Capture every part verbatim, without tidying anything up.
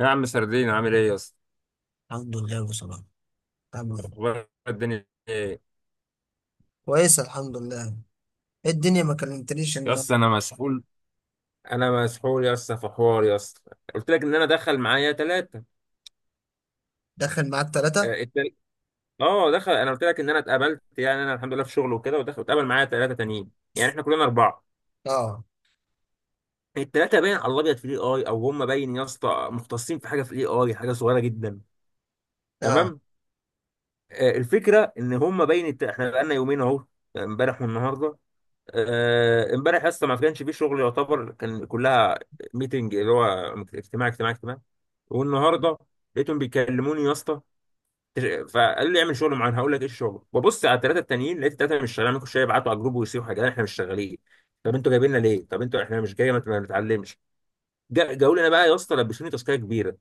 يا عم سردين، عامل ايه يا اسطى؟ الحمد لله بصراحة. تمام. اخبار الدنيا ايه؟ كويس الحمد لله. ايه الدنيا ما كلمتنيش؟ يا ان اسطى انا مسحول، انا مسحول يا اسطى في حوار يا اسطى. قلت لك ان انا دخل معايا ثلاثه. داخل معاك ثلاثة. اه التل- آه، دخل، انا قلت لك ان انا اتقابلت، يعني انا الحمد لله في شغل وكده، ودخل اتقابل معايا ثلاثه تانيين. يعني احنا كلنا اربعه. اه. الثلاثه باين على الابيض في الاي اي، او هم باين يا اسطى مختصين في حاجه في الاي اي، حاجه صغيره جدا. اه. تمام. آه، الفكره ان هم باين الت- احنا بقالنا يومين اهو، يعني امبارح والنهارده. آه، امبارح اصلا ما كانش فيه شغل يعتبر، كان كلها ميتنج، اللي هو اجتماع اجتماع اجتماع. والنهارده لقيتهم بيكلموني يا اسطى، فقال لي اعمل شغل معين. هقول لك ايه الشغل. ببص على الثلاثه التانيين، لقيت الثلاثه مش شغالين، ممكن شويه يبعتوا على الجروب ويصيحوا حاجات، احنا مش شغالين. طب انتوا جايبيننا ليه؟ طب انتوا احنا مش جايه ما ما بنتعلمش. جا- جاوا لنا بقى يا اسطى، لبسوني تاسكيه كبيره.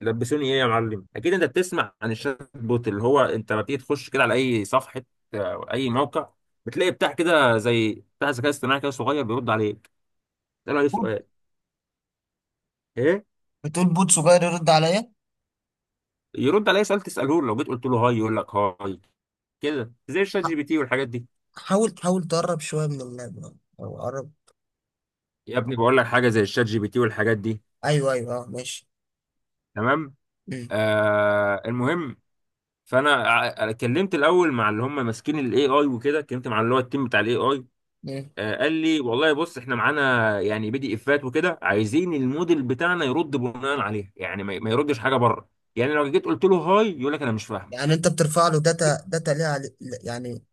لبسوني ايه يا معلم؟ اكيد انت بتسمع عن الشات بوت، اللي هو انت لما بتيجي تخش كده على اي صفحه او اي موقع، بتلاقي بتاع كده زي بتاع ذكاء اصطناعي كده صغير بيرد عليك، تساله اي بود؟ سؤال. ايه؟ بتقول بود صغير يرد عليا؟ يرد على اي سؤال تساله له، لو جيت قلت له هاي يقول لك هاي، كده زي الشات ح- جي بي تي والحاجات دي. حاول حاول تقرب شوية من اللاب آه، او قرب. يا ابني بقول لك حاجه زي الشات جي بي تي والحاجات دي. ايوه ايوه اه ماشي. تمام. مم. آه المهم، فانا ع- كلمت الاول مع اللي هم ماسكين الاي اي وكده، كلمت مع اللي هو التيم بتاع الاي اي. مم. آه، قال لي والله بص، احنا معانا يعني بي دي افات وكده، عايزين الموديل بتاعنا يرد بناء عليها، يعني ما ما يردش حاجه بره. يعني لو جيت قلت له هاي يقول لك انا مش فاهم. يعني انت بترفع له داتا، داتا ليها عل- يعني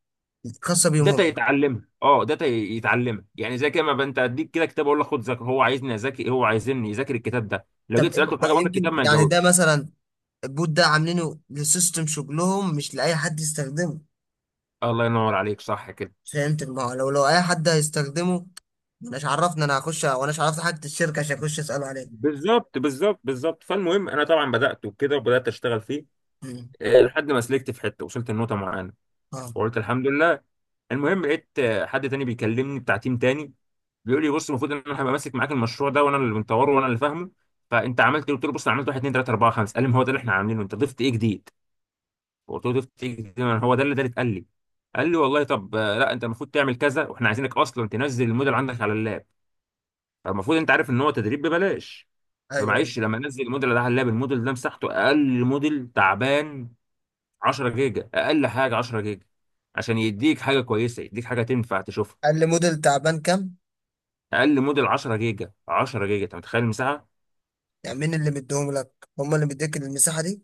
خاصة بيهم داتا هم؟ يتعلمها، اه داتا ي- يتعلمها، يعني زي كده ما بقى انت اديك كده كتاب اقول لك خد ذاكر، هو عايزني اذاكر، هو عايزني يذاكر الكتاب ده. لو طب جيت إيه سالته في ده؟ حاجه بره يمكن الكتاب ما يعني ده يجاوبش. مثلا البوت ده عاملينه لسيستم شغلهم، مش لأي حد يستخدمه. الله ينور عليك، صح كده. فهمت؟ ما هو لو لو أي حد هيستخدمه، مش عرفني انا هخش واناش عرفت حاجه الشركه عشان اخش اساله عليه. بالظبط بالظبط بالظبط فالمهم انا طبعا بدات وكده، وبدات اشتغل فيه. مم. آه، لحد ما سلكت في حته، وصلت النقطه معانا اه. وقلت الحمد لله. المهم لقيت آه، حد تاني بيكلمني بتاع تيم تاني، بيقول لي بص، المفروض ان انا هبقى ماسك معاك المشروع ده، وانا اللي مطوره وانا اللي فاهمه. فانت عملت إيه؟ قلت له بص انا عملت واحد اتنين تلاته اربعه خمسه. قال لي ما هو ده اللي احنا عاملينه، انت ضفت ايه جديد؟ قلت له ضفت ايه جديد؟ ما هو ده اللي ده اللي اتقال لي. قال لي والله طب، آه، لا، انت المفروض تعمل كذا، واحنا عايزينك اصلا تنزل الموديل عندك على اللاب. فالمفروض انت عارف ان هو تدريب ببلاش. ايوه ايوه. فمعلش لما انزل الموديل ده على اللاب، الموديل ده مساحته، اقل موديل تعبان عشره جيجا، اقل حاجه عشره جيجا، عشان يديك حاجه كويسه، يديك حاجه تنفع تشوفها. قال لي موديل تعبان كام؟ اقل موديل عشره جيجا، عشره جيجا، انت متخيل المساحه؟ يعني مين اللي مديهم لك؟ هم اللي مديك المساحه دي؟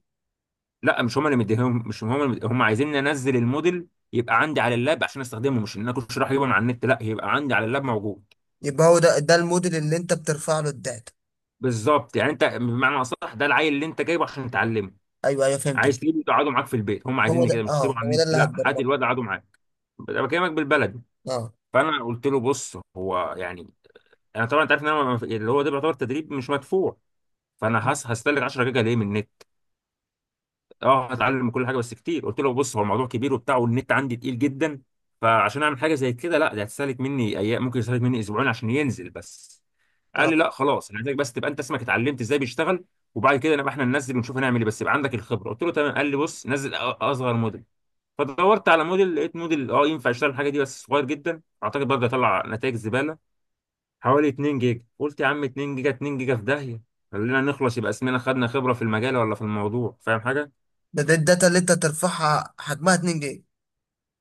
لا مش هم اللي مديهم، مش هم اللي مديهم. هم عايزين انزل الموديل، يبقى عندي على اللاب عشان استخدمه، مش ان انا كنت رايح اجيبه من على النت، لا، يبقى عندي على اللاب موجود. يبقى هو ده ده الموديل اللي انت بترفع له الداتا؟ بالظبط، يعني انت بمعنى اصح ده العيل اللي انت جايبه عشان تعلمه، ايوه ايوه فهمتك. عايز تجيبه تقعده معاك في البيت. هم هو عايزيني ده، كده، مش اه تسيبه على هو ده النت، اللي لا، هات هتبرمجه. الواد قعده معاك. انا بكلمك بالبلد. اه. فانا قلت له بص، هو يعني انا طبعا انت عارف ان انا ما- اللي هو ده بيعتبر تدريب مش مدفوع، فانا هس- هستهلك عشره جيجا ليه من النت. اه هتعلم من كل حاجه، بس كتير. قلت له بص، هو الموضوع كبير وبتاع، والنت عندي تقيل جدا، فعشان اعمل حاجه زي كده، لا ده هتستهلك مني ايام، ممكن يستهلك مني اسبوعين عشان ينزل بس. قال اه. لي لا خلاص، انا عايزك بس تبقى انت اسمك اتعلمت ازاي بيشتغل، وبعد كده نبقى احنا ننزل ونشوف هنعمل ايه، بس يبقى عندك الخبره. قلت له تمام. قال لي بص نزل أ- اصغر موديل. فدورت على موديل، لقيت موديل اه ينفع يشتغل الحاجه دي، بس صغير جدا، اعتقد برضه هيطلع نتائج زباله، حوالي اتنين جيجا. قلت يا عم اتنين جيجا، اتنين جيجا في داهيه، خلينا نخلص، يبقى اسمنا خدنا خبره في المجال ولا في الموضوع، فاهم حاجه. ده, ده الداتا اللي انت ترفعها حجمها اتنين جيجا؟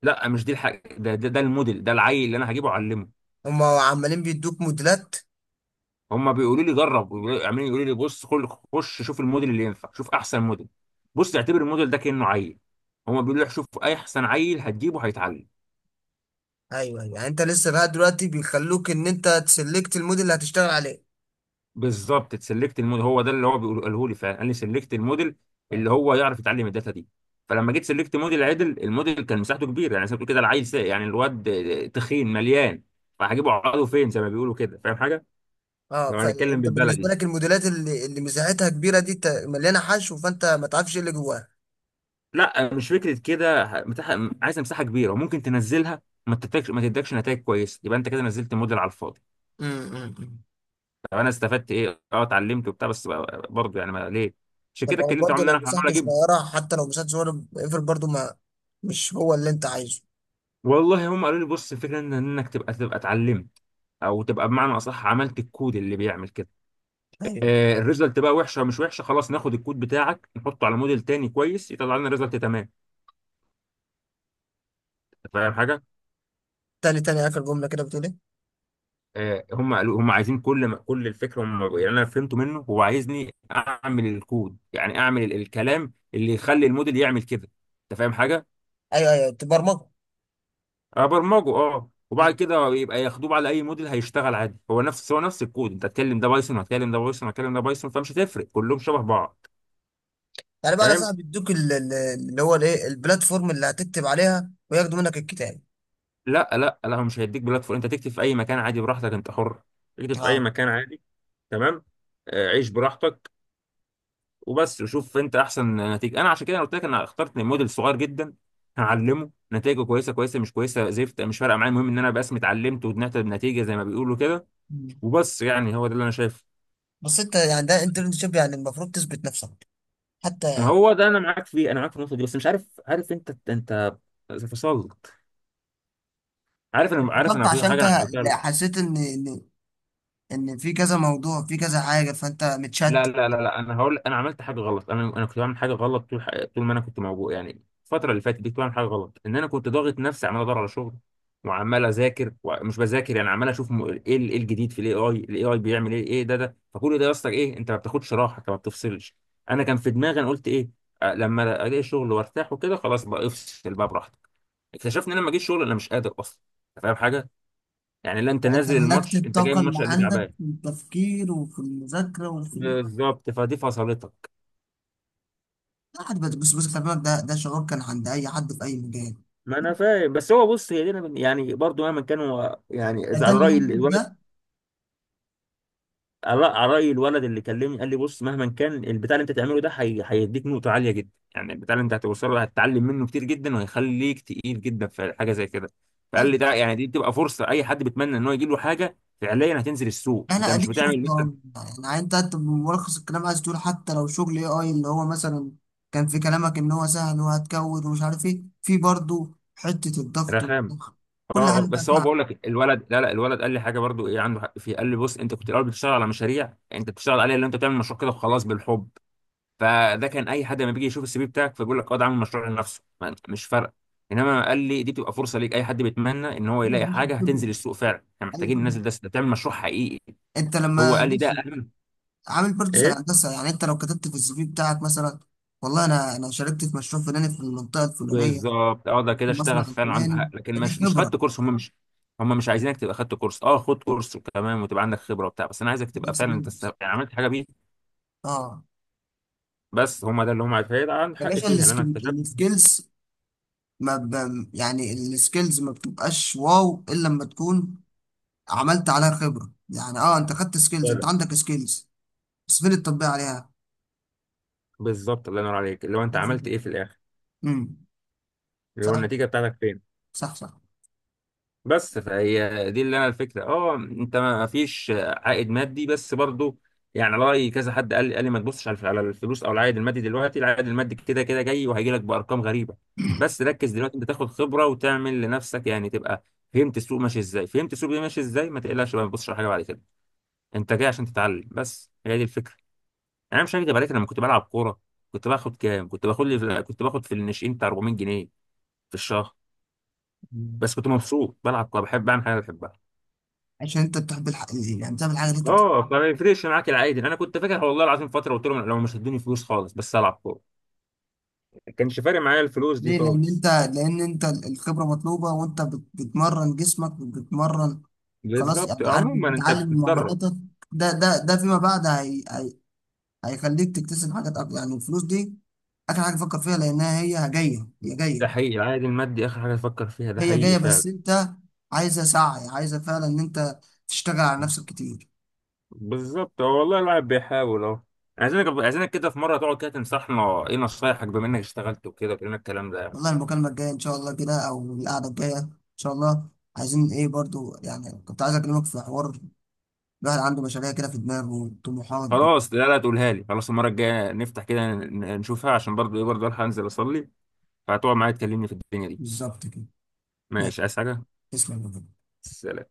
لا مش دي الحاجه، ده ده, ده الموديل، ده العيل اللي انا هجيبه اعلمه. هم عمالين بيدوك موديلات؟ هم بيقولوا لي جرب ويقولوا- عمالين يقولوا لي بص كل خش شوف الموديل اللي ينفع، شوف احسن موديل. بص اعتبر الموديل ده كانه عيل، هم بيقولوا لي شوف اي احسن عيل هتجيبه هيتعلم. ايوه ايوه، يعني انت لسه لغايه دلوقتي بيخلوك ان انت تسلكت الموديل اللي هتشتغل عليه؟ بالظبط، تسلكت الموديل، هو ده اللي هو بيقول- قاله لي فعلا، قال لي سلكت الموديل اللي هو يعرف يتعلم الداتا دي. فلما جيت سلكت موديل عدل، الموديل كان مساحته كبيره، يعني زي ما بتقول كده العيل ساق، يعني الواد تخين مليان، فهجيبه عقله فين زي ما بيقولوا كده، فاهم حاجه. اه، لو هنتكلم فانت بالنسبه بالبلدي، لك الموديلات اللي اللي مساحتها كبيره دي ت- مليانه حشو، فانت ما تعرفش ايه اللي جواها. لا مش فكره كده، ه- مساحه، عايز مساحه كبيره وممكن تنزلها ما تدكش، ما تدكش نتائج كويسه، يبقى انت كده نزلت موديل على الفاضي. امم. طب انا استفدت ايه؟ اه اتعلمت وبتاع، بس بقى، برضه يعني ما ليه. عشان طب كده او اتكلمت معاهم برضه ان لو انا هحاول مساحته اجيب. صغيره، حتى لو مساحته صغيره اقفل برضه، ما مش هو اللي انت عايزه. والله هم قالوا لي بص، الفكره ان انك تبقى تبقى اتعلمت، او تبقى بمعنى اصح عملت الكود اللي بيعمل كده. ايوه. آه الريزلت بقى وحشه مش وحشه، خلاص ناخد الكود بتاعك نحطه على موديل تاني كويس، يطلع لنا ريزلت تمام. أنت فاهم حاجه. تاني تاني، اخر جمله كده بتقول ايه؟ آه، هم قالوا هم عايزين كل ما كل الفكره هم، يعني انا فهمته منه هو عايزني اعمل الكود، يعني اعمل ال- الكلام اللي يخلي الموديل يعمل كده. انت فاهم حاجه. ايوه ايوه تبرمجه. ابرمجه، اه، وبعد مم. كده يبقى ياخدوه على اي موديل هيشتغل عادي، هو نفس هو نفس الكود، انت هتكلم ده بايثون، هتكلم ده بايثون، هتكلم ده بايثون، فمش هتفرق، كلهم شبه بعض. يعني بقى انا فاهم. صاحب بيدوك ال- ال- اللي هو الايه، البلاتفورم اللي هتكتب عليها وياخدوا منك الكتاب؟ لا لا لا، هو مش هيديك بلاتفورم، انت تكتب في اي مكان عادي براحتك، انت حر تكتب في اي اه. مكان عادي. تمام. آه، عيش براحتك، وبس، وشوف انت احسن نتيجه. انا عشان كده أنا قلت لك انا اخترت موديل صغير جدا، هعلمه، نتائجه كويسه كويسه، مش كويسه زفت، مش فارقه معايا، المهم ان انا بس اتعلمت وطلعت بنتيجه زي ما بيقولوا كده، مم. وبس. يعني هو ده اللي انا شايفه. بس انت يعني ده انترنشيب، يعني المفروض تثبت نفسك حتى، ما يعني هو ده انا معاك فيه، انا معاك في النقطه دي، بس مش عارف، عارف انت انت فصلت، عارف، انا عارف، اتفضلت انا في عشان حاجه انت انا عملتها. حسيت ان ان ان في كذا موضوع، في كذا حاجه، فانت لا متشتت. لا لا لا، انا هقول انا عملت حاجه غلط، انا انا كنت بعمل حاجه غلط، طول ح- طول ما انا كنت موجود يعني الفتره اللي فاتت دي، كنت بعمل حاجه غلط، ان انا كنت ضاغط نفسي، عمال ادور على شغل، وعمال اذاكر ومش بذاكر، يعني عمال اشوف م- ايه ال- ايه الجديد في الاي اي، الاي اي بيعمل ايه، ايه ده ده، فكل ده يا اسطى، ايه، انت ما بتاخدش راحه، انت ما بتفصلش. انا كان في دماغي انا قلت ايه؟ آه، لما الاقي شغل وارتاح وكده، خلاص بقى افصل بقى براحتك. اكتشفت ان انا لما جيت شغل، انا مش قادر اصلا. أنت فاهم حاجه. يعني لا، انت انت نازل ملكت الماتش، انت جاي من الطاقه اللي الماتش، قلبي عندك تعبان. في التفكير وفي المذاكره وفي. بالظبط، فدي فصلتك. لا حد، بس بس خلي بالك، ده ده شعور كان عند اي حد في اي مجال. ما انا فاهم، بس هو بص، هي دي أنا من- يعني برضو مهما كان هو، يعني ده اذا على تاني راي يوم ليك ده. الولد، على على راي الولد اللي كلمني، قال لي بص، مهما كان البتاع اللي انت تعمله ده، هي... هيديك نقطه عاليه جدا، يعني البتاع اللي انت هتوصله ده هتتعلم منه كتير جدا، وهيخليك تقيل جدا في حاجه زي كده. فقال لي طيب ده يعني دي بتبقى فرصه، اي حد بيتمنى ان هو يجي له حاجه فعليا هتنزل السوق، انت انا مش اديك شفت بتعمل مثلا أهو. يعني انت انت ملخص الكلام عايز تقول حتى لو شغل اي اي، اللي هو مثلا كان في كلامك ان هو سهل وهتكود ومش عارف ايه، في برضه حته الضغط رخام. والضغط، كل اه حاجه اه، بقى بس هو تعب. بقول لك الولد، لا لا، الولد قال لي حاجه برضو، ايه عنده حق فيه، قال لي بص، انت كنت الاول بتشتغل على مشاريع انت بتشتغل عليها، اللي انت بتعمل مشروع كده وخلاص بالحب، فده كان اي حد لما بيجي يشوف السي في بتاعك فبيقول لك اه ده عامل مشروع لنفسه، ما- مش فارقه. انما قال لي دي بتبقى فرصه ليك، اي حد بيتمنى ان هو اي يلاقي حاجه خبره. هتنزل السوق فعلا، احنا أيوة محتاجين خبرة. ننزل ده، ده تعمل مشروع حقيقي. انت هو لما قال لي ده ماشي اهم. عامل برضه زي ايه. الهندسة، يعني انت لو كتبت في السي في بتاعك مثلا والله انا انا شاركت في مشروع فلاني في المنطقة الفلانية بالظبط، اه، ده أو في كده المصنع اشتغل فعلا، عنده حق، الفلاني، لكن فدي مش مش خدت خبرة. كورس، هم مش، هم مش عايزينك تبقى خدت كورس، اه، خد كورس وكمان وتبقى عندك خبره وبتاع، بس انا عايزك دي تبقى فعلا انت است- اكسبيرينس. يعني عملت حاجه بيه. اه. بس هم ده اللي هم عايزين، فهيبقى عندك يا حق باشا، فيها، لان انا السكيل- اكتشفت السكيلز ما ب... يعني السكيلز ما بتبقاش واو الا لما تكون عملت عليها خبرة، يعني اه انت خدت سكيلز، انت فعلا. عندك سكيلز، بس فين التطبيق عليها؟ بالظبط، الله ينور عليك، اللي هو انت عملت ايه في الاخر، امم. اللي هو صح. النتيجه بتاعتك فين. صح صح. بس فهي دي اللي انا الفكره، اه، انت ما فيش عائد مادي، بس برضو، يعني رأي كذا حد قال لي، قال لي ما تبصش على الف- على الفلوس او العائد المادي دلوقتي، العائد المادي كده كده جاي وهيجي لك بارقام غريبه، بس ركز دلوقتي انت تاخد خبره وتعمل لنفسك، يعني تبقى فهمت السوق ماشي ازاي، فهمت السوق ده ماشي ازاي، ما تقلقش بقى، ما تبصش على حاجه بعد كده، انت جاي عشان تتعلم بس، هي دي الفكره. يعني انا مش هكدب عليك، أنا لما كنت بلعب كوره، كنت باخد كام؟ كنت باخد لي في... كنت باخد في الناشئين بتاع اربعميت جنيه في الشهر، مم. بس كنت مبسوط، بلعب كوره، بحب اعمل حاجه بحبها. عشان انت بتحب الح... يعني بتعمل حاجة اللي انت. اه، فما يفرقش معاك، العادي انا كنت فاكر والله العظيم فتره قلت لهم لو مش هتدوني فلوس خالص بس العب كوره، ما كانش فارق معايا الفلوس دي ليه؟ لان خالص. انت لان انت الخبره مطلوبه، وانت بت- بتمرن جسمك وبتمرن. خلاص بالظبط، يعني عارف، عموما انت بتعلم بتتدرب. مهاراتك. ده ده ده فيما بعد هي هي هيخليك تكتسب حاجات اكتر. يعني الفلوس دي اخر حاجه فكر فيها، لانها هي جايه، هي ده جايه، حقيقي، العائد المادي اخر حاجه تفكر فيها، ده هي حقيقي جايه، فعلا. بس انت عايزه سعي، عايزه فعلا ان انت تشتغل على نفسك كتير. بالظبط، هو والله الواحد بيحاول اهو. عايزينك عايزينك كده في مره تقعد كده تنصحنا، ايه نصايحك بما انك اشتغلت وكده، وكلنا الكلام ده يعني. والله المكالمه الجايه ان شاء الله كده او القعده الجايه ان شاء الله، عايزين ايه برضو؟ يعني كنت عايز اكلمك في حوار. الواحد عنده مشاريع كده في دماغه وطموحات. خلاص لا لا، تقولها لي خلاص المره الجايه، نفتح كده، ن- نشوفها، عشان برضه ايه، برضه الحق انزل اصلي، فهتقعد معايا تكلمني في الدنيا دي. بالظبط كده. ماشي، ماشي. عايز حاجه؟ تسلم يا بابا. سلام.